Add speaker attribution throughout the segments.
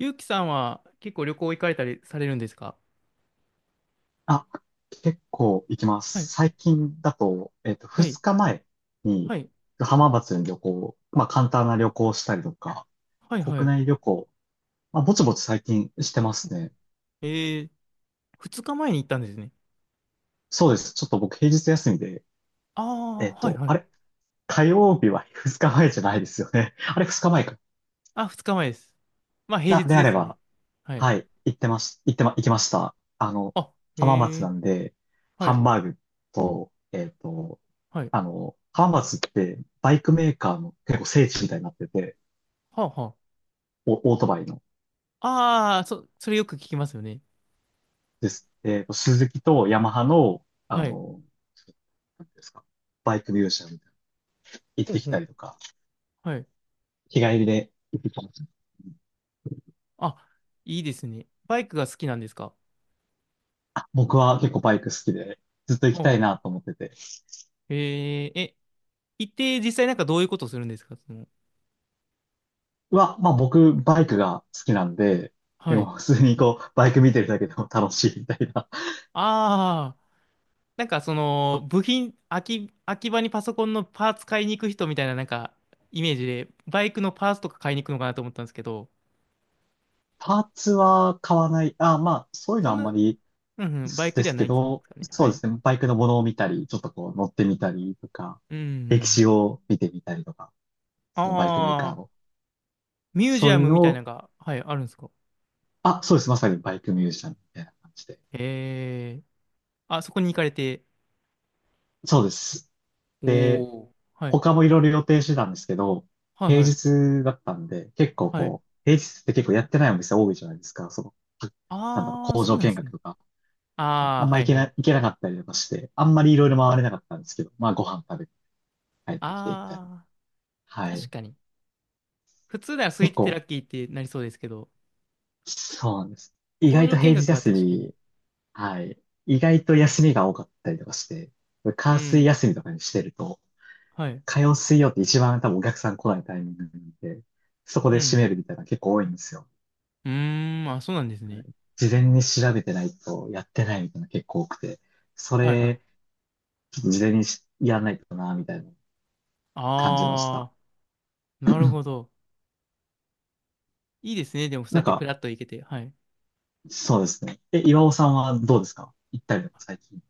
Speaker 1: ゆうきさんは結構旅行行かれたりされるんですか？
Speaker 2: あ、結構行きま
Speaker 1: はい、
Speaker 2: す。最近だと、
Speaker 1: は
Speaker 2: 2
Speaker 1: い、
Speaker 2: 日前に
Speaker 1: はい、
Speaker 2: 浜松に旅行、まあ簡単な旅行をしたりとか、
Speaker 1: はい、は
Speaker 2: 国
Speaker 1: い。
Speaker 2: 内旅行、まあぼちぼち最近してま
Speaker 1: う
Speaker 2: す
Speaker 1: ん。
Speaker 2: ね。
Speaker 1: えー、二日前に行ったんですね。
Speaker 2: そうです。ちょっと僕平日休みで、
Speaker 1: ああ、はい、は
Speaker 2: あ
Speaker 1: い。
Speaker 2: れ、火曜日は2日前じゃないですよね。あれ、2日前か。
Speaker 1: あ、二日前です。まあ、平日
Speaker 2: であ
Speaker 1: で
Speaker 2: れ
Speaker 1: すよね。
Speaker 2: ば、
Speaker 1: はい。
Speaker 2: はい、行ってまし、行ってま、行きました。
Speaker 1: あ、
Speaker 2: 浜
Speaker 1: へ
Speaker 2: 松
Speaker 1: え、
Speaker 2: なんで、
Speaker 1: は
Speaker 2: ハ
Speaker 1: い、
Speaker 2: ンバーグと、
Speaker 1: はい。
Speaker 2: 浜松ってバイクメーカーの結構聖地みたいになってて、
Speaker 1: はあ、は
Speaker 2: オートバイの。
Speaker 1: あ。ああ、それよく聞きますよね。
Speaker 2: です。スズキとヤマハの、
Speaker 1: はい。
Speaker 2: なんていうんですか、バイクミュージアムみたいな行
Speaker 1: ほ
Speaker 2: っ
Speaker 1: う
Speaker 2: てき
Speaker 1: ほ
Speaker 2: た
Speaker 1: う。
Speaker 2: りとか、
Speaker 1: はい。
Speaker 2: 日帰りで行ってきました。
Speaker 1: あ、いいですね。バイクが好きなんですか？
Speaker 2: あ、僕は結構バイク好きで、ずっと行き
Speaker 1: ほ
Speaker 2: たいなと思ってて。
Speaker 1: う。へえ、行って実際なんかどういうことするんですか？
Speaker 2: まあ僕、バイクが好きなんで、で
Speaker 1: はい。
Speaker 2: も普通にこう、バイク見てるだけでも楽しいみたいな。
Speaker 1: ああ。なんかその部品、空き場にパソコンのパーツ買いに行く人みたいななんかイメージで、バイクのパーツとか買いに行くのかなと思ったんですけど、
Speaker 2: パーツは買わない。あ、まあ、そういう
Speaker 1: そ
Speaker 2: のあ
Speaker 1: ん
Speaker 2: ん
Speaker 1: な、
Speaker 2: まり
Speaker 1: うんうん、バイク
Speaker 2: で
Speaker 1: では
Speaker 2: す
Speaker 1: な
Speaker 2: け
Speaker 1: いんです
Speaker 2: ど、
Speaker 1: かね。
Speaker 2: そ
Speaker 1: は
Speaker 2: うで
Speaker 1: い。
Speaker 2: すね。バイクのものを見たり、ちょっとこう乗ってみたりとか、
Speaker 1: うんうん
Speaker 2: 歴
Speaker 1: う
Speaker 2: 史
Speaker 1: ん。
Speaker 2: を見てみたりとか、
Speaker 1: あ
Speaker 2: そのバイクメーカー
Speaker 1: あ、
Speaker 2: の、
Speaker 1: ミュージ
Speaker 2: そう
Speaker 1: ア
Speaker 2: いう
Speaker 1: ムみ
Speaker 2: の
Speaker 1: たいな
Speaker 2: を、
Speaker 1: のが、はい、あるんですか？
Speaker 2: あ、そうです。まさにバイクミュージシャンみたいな感じで。
Speaker 1: ええ。あ、そこに行かれて。
Speaker 2: そうです。で、
Speaker 1: おー。はい。
Speaker 2: 他もいろいろ予定してたんですけど、
Speaker 1: はい
Speaker 2: 平
Speaker 1: はい。
Speaker 2: 日だったんで、結構
Speaker 1: はい。
Speaker 2: こう、平日って結構やってないお店多いじゃないですか。その、なんだろう、
Speaker 1: ああ、
Speaker 2: 工
Speaker 1: そう
Speaker 2: 場
Speaker 1: なんで
Speaker 2: 見
Speaker 1: す
Speaker 2: 学
Speaker 1: ね。
Speaker 2: とか。
Speaker 1: ああ、はいはい。
Speaker 2: 行けなかったりとかして、あんまりいろいろ回れなかったんですけど、まあご飯食べて帰ってきてみたいな。
Speaker 1: ああ、
Speaker 2: は
Speaker 1: 確
Speaker 2: い。
Speaker 1: かに。普通なら空
Speaker 2: 結
Speaker 1: いててラ
Speaker 2: 構
Speaker 1: ッキーってなりそうですけど、
Speaker 2: そうなんです。意
Speaker 1: 工
Speaker 2: 外
Speaker 1: 場
Speaker 2: と
Speaker 1: 見
Speaker 2: 平日
Speaker 1: 学は
Speaker 2: 休
Speaker 1: 確かに。
Speaker 2: み、はい。意外と休みが多かったりとかして、
Speaker 1: う
Speaker 2: 火水
Speaker 1: ん。
Speaker 2: 休みとかにしてると、
Speaker 1: はい。
Speaker 2: 火曜水曜って一番多分お客さん来ないタイミングなんで、そこ
Speaker 1: う
Speaker 2: で閉
Speaker 1: ん。
Speaker 2: めるみたいなの結構多いんですよ。
Speaker 1: うーん、あ、そうなんですね。
Speaker 2: 事前に調べてないとやってないみたいなの結構多くて、そ
Speaker 1: はいはい。
Speaker 2: れ、ちょっと事前にしやらないとな、みたいなの感じました。
Speaker 1: ああ、なるほど。いいですね。でも、そう
Speaker 2: な
Speaker 1: や
Speaker 2: ん
Speaker 1: ってフ
Speaker 2: か、
Speaker 1: ラッと行けて。はい。
Speaker 2: そうですね。岩尾さんはどうですか？行ったりとか最近。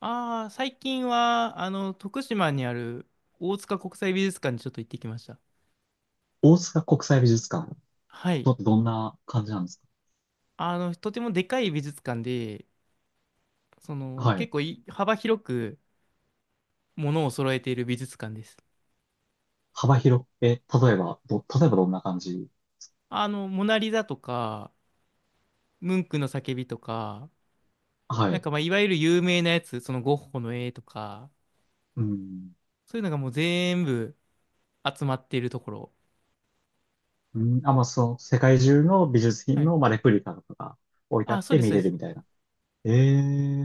Speaker 1: ああ、最近は、あの、徳島にある大塚国際美術館にちょっと行ってきました。
Speaker 2: 大塚国際美術館、
Speaker 1: はい。
Speaker 2: どんな感じなんですか？
Speaker 1: あの、とてもでかい美術館で、その、
Speaker 2: は
Speaker 1: 結
Speaker 2: い。
Speaker 1: 構い幅広くものを揃えている美術館です。
Speaker 2: 幅広く、例えばどんな感じ？
Speaker 1: あの、モナリザとか、ムンクの叫びとか、
Speaker 2: は
Speaker 1: なん
Speaker 2: い。
Speaker 1: かまあ、いわゆる有名なやつ、そのゴッホの絵とか、
Speaker 2: うん。
Speaker 1: そういうのがもう全部、集まっているところ。
Speaker 2: うん、あ、まあ、その、世界中の美術
Speaker 1: は
Speaker 2: 品
Speaker 1: い。
Speaker 2: の、まあ、レプリカとかが置いてあ
Speaker 1: あ、
Speaker 2: っ
Speaker 1: そう
Speaker 2: て
Speaker 1: です、
Speaker 2: 見
Speaker 1: そう
Speaker 2: れ
Speaker 1: で
Speaker 2: る
Speaker 1: す。
Speaker 2: みたいな。え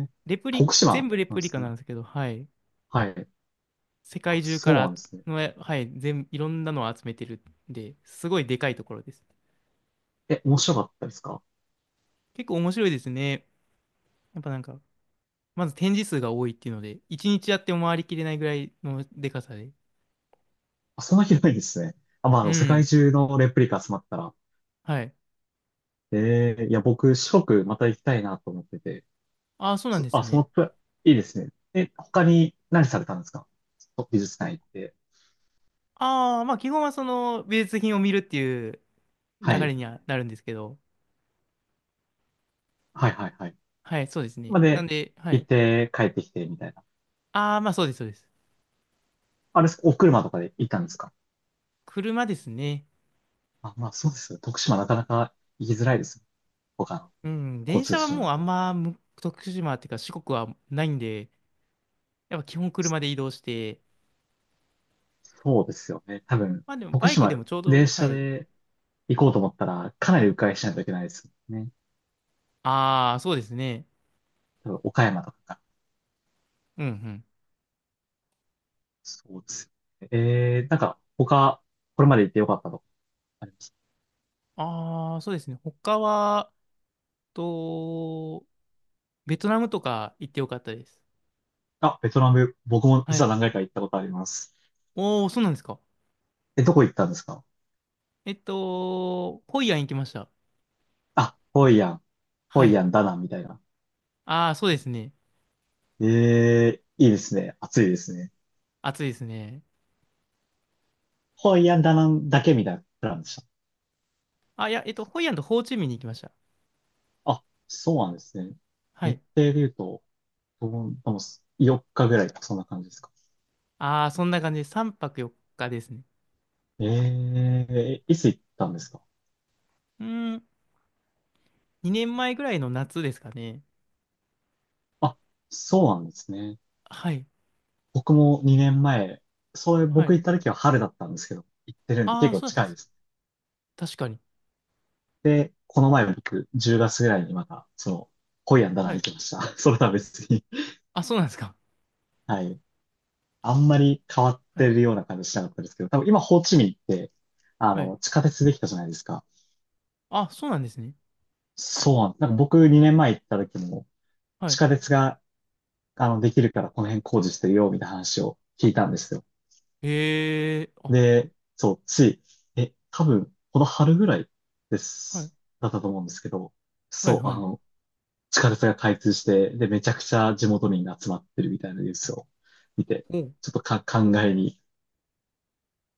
Speaker 2: え、
Speaker 1: レプリ、
Speaker 2: 徳
Speaker 1: 全
Speaker 2: 島
Speaker 1: 部レ
Speaker 2: なん
Speaker 1: プ
Speaker 2: で
Speaker 1: リカ
Speaker 2: す
Speaker 1: な
Speaker 2: ね。
Speaker 1: んですけど、はい。
Speaker 2: はい。
Speaker 1: 世
Speaker 2: あ、
Speaker 1: 界中か
Speaker 2: そうなん
Speaker 1: ら
Speaker 2: ですね。
Speaker 1: の、はい、いろんなのを集めてるんで、すごいでかいところです。
Speaker 2: 面白かったですか？
Speaker 1: 結構面白いですね。やっぱなんか、まず展示数が多いっていうので、一日やっても回りきれないぐらいのでかさで。
Speaker 2: あ、そんな広いんですね。あ、まあ、あ
Speaker 1: う
Speaker 2: の、世界
Speaker 1: ん。
Speaker 2: 中のレプリカ集まったら。
Speaker 1: はい。
Speaker 2: ええ、いや、僕、四国また行きたいなと思ってて。
Speaker 1: ああ、そうなん
Speaker 2: そ、
Speaker 1: です
Speaker 2: あ、その
Speaker 1: ね。
Speaker 2: プラ、いいですね。他に何されたんですか？美術館行って。
Speaker 1: ああー、まあ基本はその美術品を見るっていう
Speaker 2: は
Speaker 1: 流
Speaker 2: い。
Speaker 1: れにはなるんですけど、
Speaker 2: はいはいはい。
Speaker 1: はい、そうですね。
Speaker 2: ま
Speaker 1: なん
Speaker 2: で、
Speaker 1: で、は
Speaker 2: 行
Speaker 1: い。
Speaker 2: って帰ってきて、みたいな。
Speaker 1: ああ、まあそうです、そうです。
Speaker 2: あれ、お車とかで行ったんですか？
Speaker 1: 車ですね。
Speaker 2: あ、まあそうですよね。徳島なかなか行きづらいですよ。他の
Speaker 1: うん、電
Speaker 2: 交
Speaker 1: 車
Speaker 2: 通
Speaker 1: は
Speaker 2: 手段
Speaker 1: も
Speaker 2: だ
Speaker 1: うあん
Speaker 2: と。
Speaker 1: まむ徳島っていうか四国はないんで、やっぱ基本車で移動して、
Speaker 2: そうですよね。多分、
Speaker 1: まあでも
Speaker 2: 徳
Speaker 1: バイクで
Speaker 2: 島、
Speaker 1: もちょうど、
Speaker 2: 電
Speaker 1: は
Speaker 2: 車
Speaker 1: い。
Speaker 2: で行こうと思ったら、かなり迂回しないといけないですよね。
Speaker 1: ああ、そうですね。
Speaker 2: 多分、岡山とかか。
Speaker 1: うんうん。
Speaker 2: そうですよね。なんか、他、これまで行ってよかったとこあります？
Speaker 1: ああ、そうですね。他は、と、ベトナムとか行ってよかったです。
Speaker 2: あ、ベトナム、僕も
Speaker 1: は
Speaker 2: 実は
Speaker 1: い。
Speaker 2: 何回か行ったことあります。
Speaker 1: おー、そうなんですか。
Speaker 2: どこ行ったんですか？
Speaker 1: ホイアン行きました。
Speaker 2: あ、ホイアン、ホ
Speaker 1: は
Speaker 2: イ
Speaker 1: い。
Speaker 2: アン、ダナンみたいな。
Speaker 1: ああ、そうですね。
Speaker 2: ええ、いいですね。暑いですね。
Speaker 1: 暑いですね。
Speaker 2: ハワイアンダナンだけみたいなプランでした。
Speaker 1: あ、いや、ホイアンとホーチミンに行きました。
Speaker 2: あ、そうなんですね。
Speaker 1: は
Speaker 2: 日
Speaker 1: い。
Speaker 2: 程で言うと、で4日ぐらいそんな感じですか。
Speaker 1: ああ、そんな感じで3泊4日ですね。
Speaker 2: ええ、いつ行ったんですか？
Speaker 1: うーん。2年前ぐらいの夏ですかね。
Speaker 2: あ、そうなんですね。
Speaker 1: はい。
Speaker 2: 僕も2年前、そういう
Speaker 1: は
Speaker 2: 僕
Speaker 1: い。
Speaker 2: 行った時は春だったんですけど、行ってるんで
Speaker 1: あ
Speaker 2: 結
Speaker 1: あ、
Speaker 2: 構
Speaker 1: そうだったん
Speaker 2: 近
Speaker 1: で
Speaker 2: いで
Speaker 1: す。
Speaker 2: す。
Speaker 1: 確かに。
Speaker 2: で、この前僕、10月ぐらいにまた、その、ホイアンダナ
Speaker 1: は
Speaker 2: ン行
Speaker 1: い。
Speaker 2: きました。それとは別に。
Speaker 1: あ、そうなんですか。
Speaker 2: はい。あんまり変わっ
Speaker 1: は
Speaker 2: て
Speaker 1: い。
Speaker 2: るような感じしなかったですけど、多分今、ホーチミンって、あ
Speaker 1: はい。
Speaker 2: の、地下鉄できたじゃないですか。
Speaker 1: あ、そうなんですね。
Speaker 2: そうなんです。なんか僕2年前行った時も、
Speaker 1: は
Speaker 2: 地
Speaker 1: い。
Speaker 2: 下鉄が、あの、できるからこの辺工事してるよ、みたいな話を聞いたんですよ。
Speaker 1: へえ、あ、
Speaker 2: で、そう、つい、え、多分、この春ぐらい
Speaker 1: はい。
Speaker 2: だったと思うんですけど、
Speaker 1: はい、
Speaker 2: そう、
Speaker 1: は
Speaker 2: あ
Speaker 1: い。
Speaker 2: の、地下鉄が開通して、で、めちゃくちゃ地元民が集まってるみたいなニュースを見て、
Speaker 1: おう。
Speaker 2: ちょっと考えに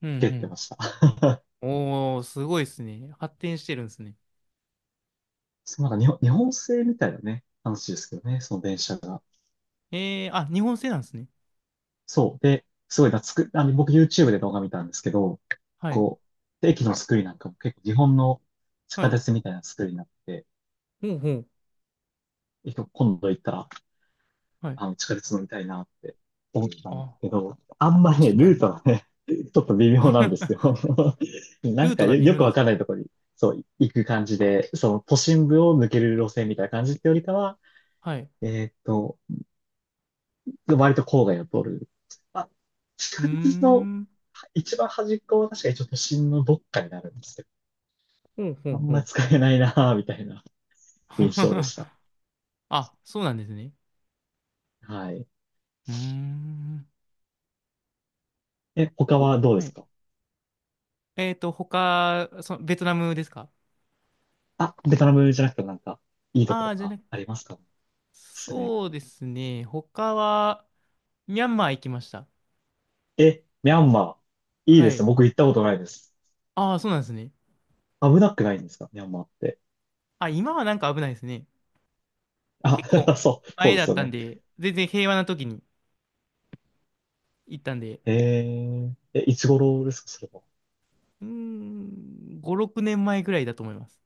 Speaker 1: う
Speaker 2: ふけって
Speaker 1: ん
Speaker 2: ました。
Speaker 1: うん。おー、すごいですね。発展してるんですね。
Speaker 2: そう、なんか日本製みたいなね、話ですけどね、その電車が。
Speaker 1: ええ、あ、日本製なんですね。
Speaker 2: そう。で、すごい懐く、あの、僕 YouTube で動画見たんですけど、
Speaker 1: はい。
Speaker 2: こう、駅の作りなんかも結構日本の地
Speaker 1: は
Speaker 2: 下
Speaker 1: い。
Speaker 2: 鉄みたいな作りになって、
Speaker 1: ほうほう。
Speaker 2: 結構今度行ったら、
Speaker 1: はい。
Speaker 2: あの、地下鉄乗りたいなって思ったんです
Speaker 1: あ、
Speaker 2: けど、あんまりね、
Speaker 1: 確か
Speaker 2: ルー
Speaker 1: に。
Speaker 2: トがね、ちょっと微妙なんです よ。な
Speaker 1: ルー
Speaker 2: ん
Speaker 1: ト
Speaker 2: か
Speaker 1: が
Speaker 2: よ、
Speaker 1: 微妙
Speaker 2: よく
Speaker 1: なんで
Speaker 2: わ
Speaker 1: す
Speaker 2: かん
Speaker 1: か？
Speaker 2: ないところに、そう、行く感じで、その都心部を抜ける路線みたいな感じってよりかは、
Speaker 1: はい。
Speaker 2: えーっと、割と郊外を通る。あ、
Speaker 1: うー
Speaker 2: 近くの
Speaker 1: ん。
Speaker 2: 一番端っこは確かにちょっと新のどっかになるんですけど、
Speaker 1: ほうほ
Speaker 2: あ
Speaker 1: う
Speaker 2: ん
Speaker 1: ほ
Speaker 2: ま
Speaker 1: う。
Speaker 2: 使えないなぁ、みたいな印象でした。
Speaker 1: あ、そうなんですね。
Speaker 2: はい。
Speaker 1: うーん。
Speaker 2: 他
Speaker 1: お、
Speaker 2: はどうで
Speaker 1: は
Speaker 2: す
Speaker 1: い。
Speaker 2: か？
Speaker 1: 他、その、ベトナムですか？
Speaker 2: あ、ベトナムじゃなくてなんか、いいとこ
Speaker 1: あ
Speaker 2: と
Speaker 1: あー、じゃ
Speaker 2: か
Speaker 1: なく、
Speaker 2: ありますかね？おすすめ。
Speaker 1: そうですね。他は、ミャンマー行きました。
Speaker 2: え、ミャンマー。いい
Speaker 1: は
Speaker 2: ですね。
Speaker 1: い。
Speaker 2: 僕行ったことないです。
Speaker 1: ああ、そうなんですね。
Speaker 2: 危なくないんですか？ミャンマーって。
Speaker 1: あ、今はなんか危ないですね。
Speaker 2: あ、
Speaker 1: 結構
Speaker 2: そう、そ
Speaker 1: 前
Speaker 2: うで
Speaker 1: だ
Speaker 2: す
Speaker 1: っ
Speaker 2: よ
Speaker 1: たん
Speaker 2: ね。
Speaker 1: で、全然平和な時に行ったんで、
Speaker 2: いつ頃ですかそれは。
Speaker 1: うーん、5、6年前ぐらいだと思います。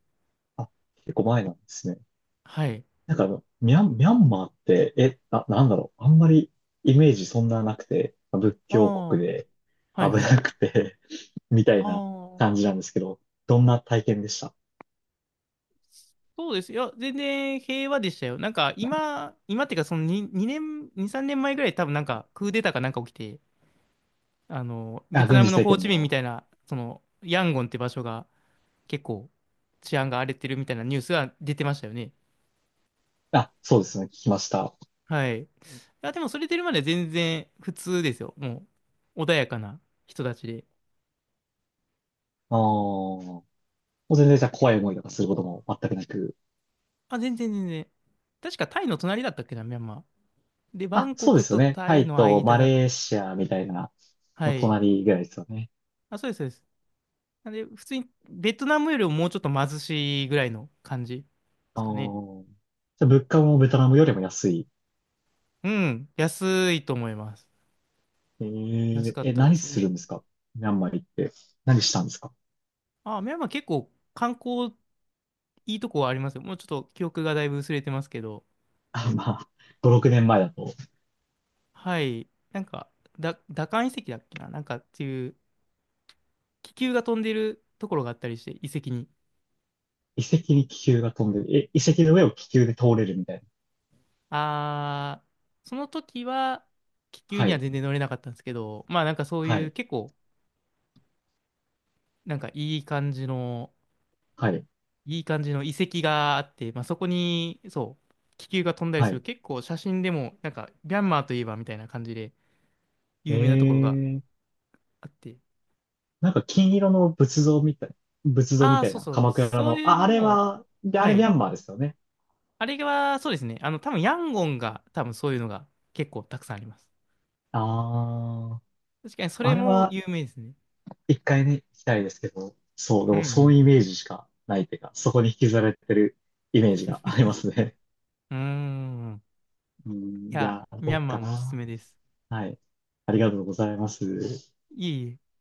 Speaker 2: あ、結構前なんですね。
Speaker 1: はい。
Speaker 2: なんかあの、ミャンマーって、なんだろう。あんまりイメージそんななくて、仏
Speaker 1: あ
Speaker 2: 教
Speaker 1: あ、
Speaker 2: 国で
Speaker 1: はい
Speaker 2: 危
Speaker 1: はい。
Speaker 2: なくて みた
Speaker 1: あ
Speaker 2: いな
Speaker 1: あ、
Speaker 2: 感じなんですけど、どんな体験でした？
Speaker 1: そうですよ。全然平和でしたよ。なんか今っていうかそのに2年、2、3年前ぐらい多分なんかクーデターかなんか起きて、あの、ベ
Speaker 2: あ、
Speaker 1: ト
Speaker 2: 軍
Speaker 1: ナ
Speaker 2: 事
Speaker 1: ムの
Speaker 2: 政
Speaker 1: ホー
Speaker 2: 権
Speaker 1: チミンみ
Speaker 2: の、
Speaker 1: たいな、その、ヤンゴンって場所が結構治安が荒れてるみたいなニュースが出てましたよね。
Speaker 2: あ、そうですね、聞きました。あ
Speaker 1: はい。いや、でもそれ出るまで全然普通ですよ。もう、穏やかな人たちで。
Speaker 2: あ、もう全然じゃあ怖い思いとかすることも全くなく。
Speaker 1: あ、全然全然。確かタイの隣だったっけな、ミャンマー。で、バ
Speaker 2: あ、
Speaker 1: ンコ
Speaker 2: そうで
Speaker 1: ク
Speaker 2: すよ
Speaker 1: と
Speaker 2: ね。
Speaker 1: タ
Speaker 2: タ
Speaker 1: イ
Speaker 2: イ
Speaker 1: の
Speaker 2: と
Speaker 1: 間
Speaker 2: マ
Speaker 1: だ。
Speaker 2: レーシアみたいな
Speaker 1: は
Speaker 2: の
Speaker 1: い。
Speaker 2: 隣ぐらいですよね。
Speaker 1: あ、そうです、そうです。なんで、普通にベトナムよりももうちょっと貧しいぐらいの感じで
Speaker 2: あ
Speaker 1: す
Speaker 2: あ、
Speaker 1: かね。
Speaker 2: じゃあ物価もベトナムよりも安い。
Speaker 1: うん、安いと思います。安かったで
Speaker 2: 何
Speaker 1: す
Speaker 2: する
Speaker 1: ね。
Speaker 2: んですか？ミャンマー行って。何したんですか？
Speaker 1: あ、ミャンマー結構観光いいとこはありますよ。もうちょっと記憶がだいぶ薄れてますけど。
Speaker 2: あ、まあ、5、6年前だと、
Speaker 1: はい。なんか、ダカン遺跡だっけななんかっていう、気球が飛んでるところがあったりして、遺跡に。
Speaker 2: 遺跡に気球が飛んでる。遺跡の上を気球で通れるみたいな。
Speaker 1: あー、その時は、気球
Speaker 2: は
Speaker 1: には
Speaker 2: い、
Speaker 1: 全然乗れなかったんですけど、まあなんかそう
Speaker 2: は
Speaker 1: いう
Speaker 2: い、
Speaker 1: 結構、なんかいい感じの、
Speaker 2: はい、
Speaker 1: いい感じの遺跡があって、まあそこに、そう、気球が飛んだり
Speaker 2: は
Speaker 1: する、
Speaker 2: い。
Speaker 1: 結構写真でも、なんか、ミャンマーといえばみたいな感じで
Speaker 2: え
Speaker 1: 有名なところが
Speaker 2: ー、
Speaker 1: あって、
Speaker 2: なんか金色の仏像
Speaker 1: あ
Speaker 2: み
Speaker 1: あ、
Speaker 2: たい
Speaker 1: そう
Speaker 2: な、
Speaker 1: そう。
Speaker 2: 鎌倉
Speaker 1: そう
Speaker 2: の、
Speaker 1: いう
Speaker 2: あ、あ
Speaker 1: の
Speaker 2: れ
Speaker 1: も、
Speaker 2: は、であ
Speaker 1: は
Speaker 2: れミ
Speaker 1: い。
Speaker 2: ャンマーですよね。
Speaker 1: あれは、そうですね。あの、多分ヤンゴンが、多分そういうのが結構たくさんあります。
Speaker 2: あー、
Speaker 1: 確かに、それ
Speaker 2: あれ
Speaker 1: も
Speaker 2: は
Speaker 1: 有名ですね。
Speaker 2: 一回ね、行きたいですけど、そう、で
Speaker 1: うんう
Speaker 2: もそう
Speaker 1: ん。
Speaker 2: いうイメージしかないっていうか、そこに引きずられてるイメージがありま すね。
Speaker 1: うーん。
Speaker 2: う
Speaker 1: い
Speaker 2: ん、い
Speaker 1: や、
Speaker 2: や、
Speaker 1: ミ
Speaker 2: ど
Speaker 1: ャ
Speaker 2: う
Speaker 1: ンマー
Speaker 2: か
Speaker 1: もおすす
Speaker 2: な。
Speaker 1: めです。
Speaker 2: はい。ありがとうございます。
Speaker 1: いえいえ。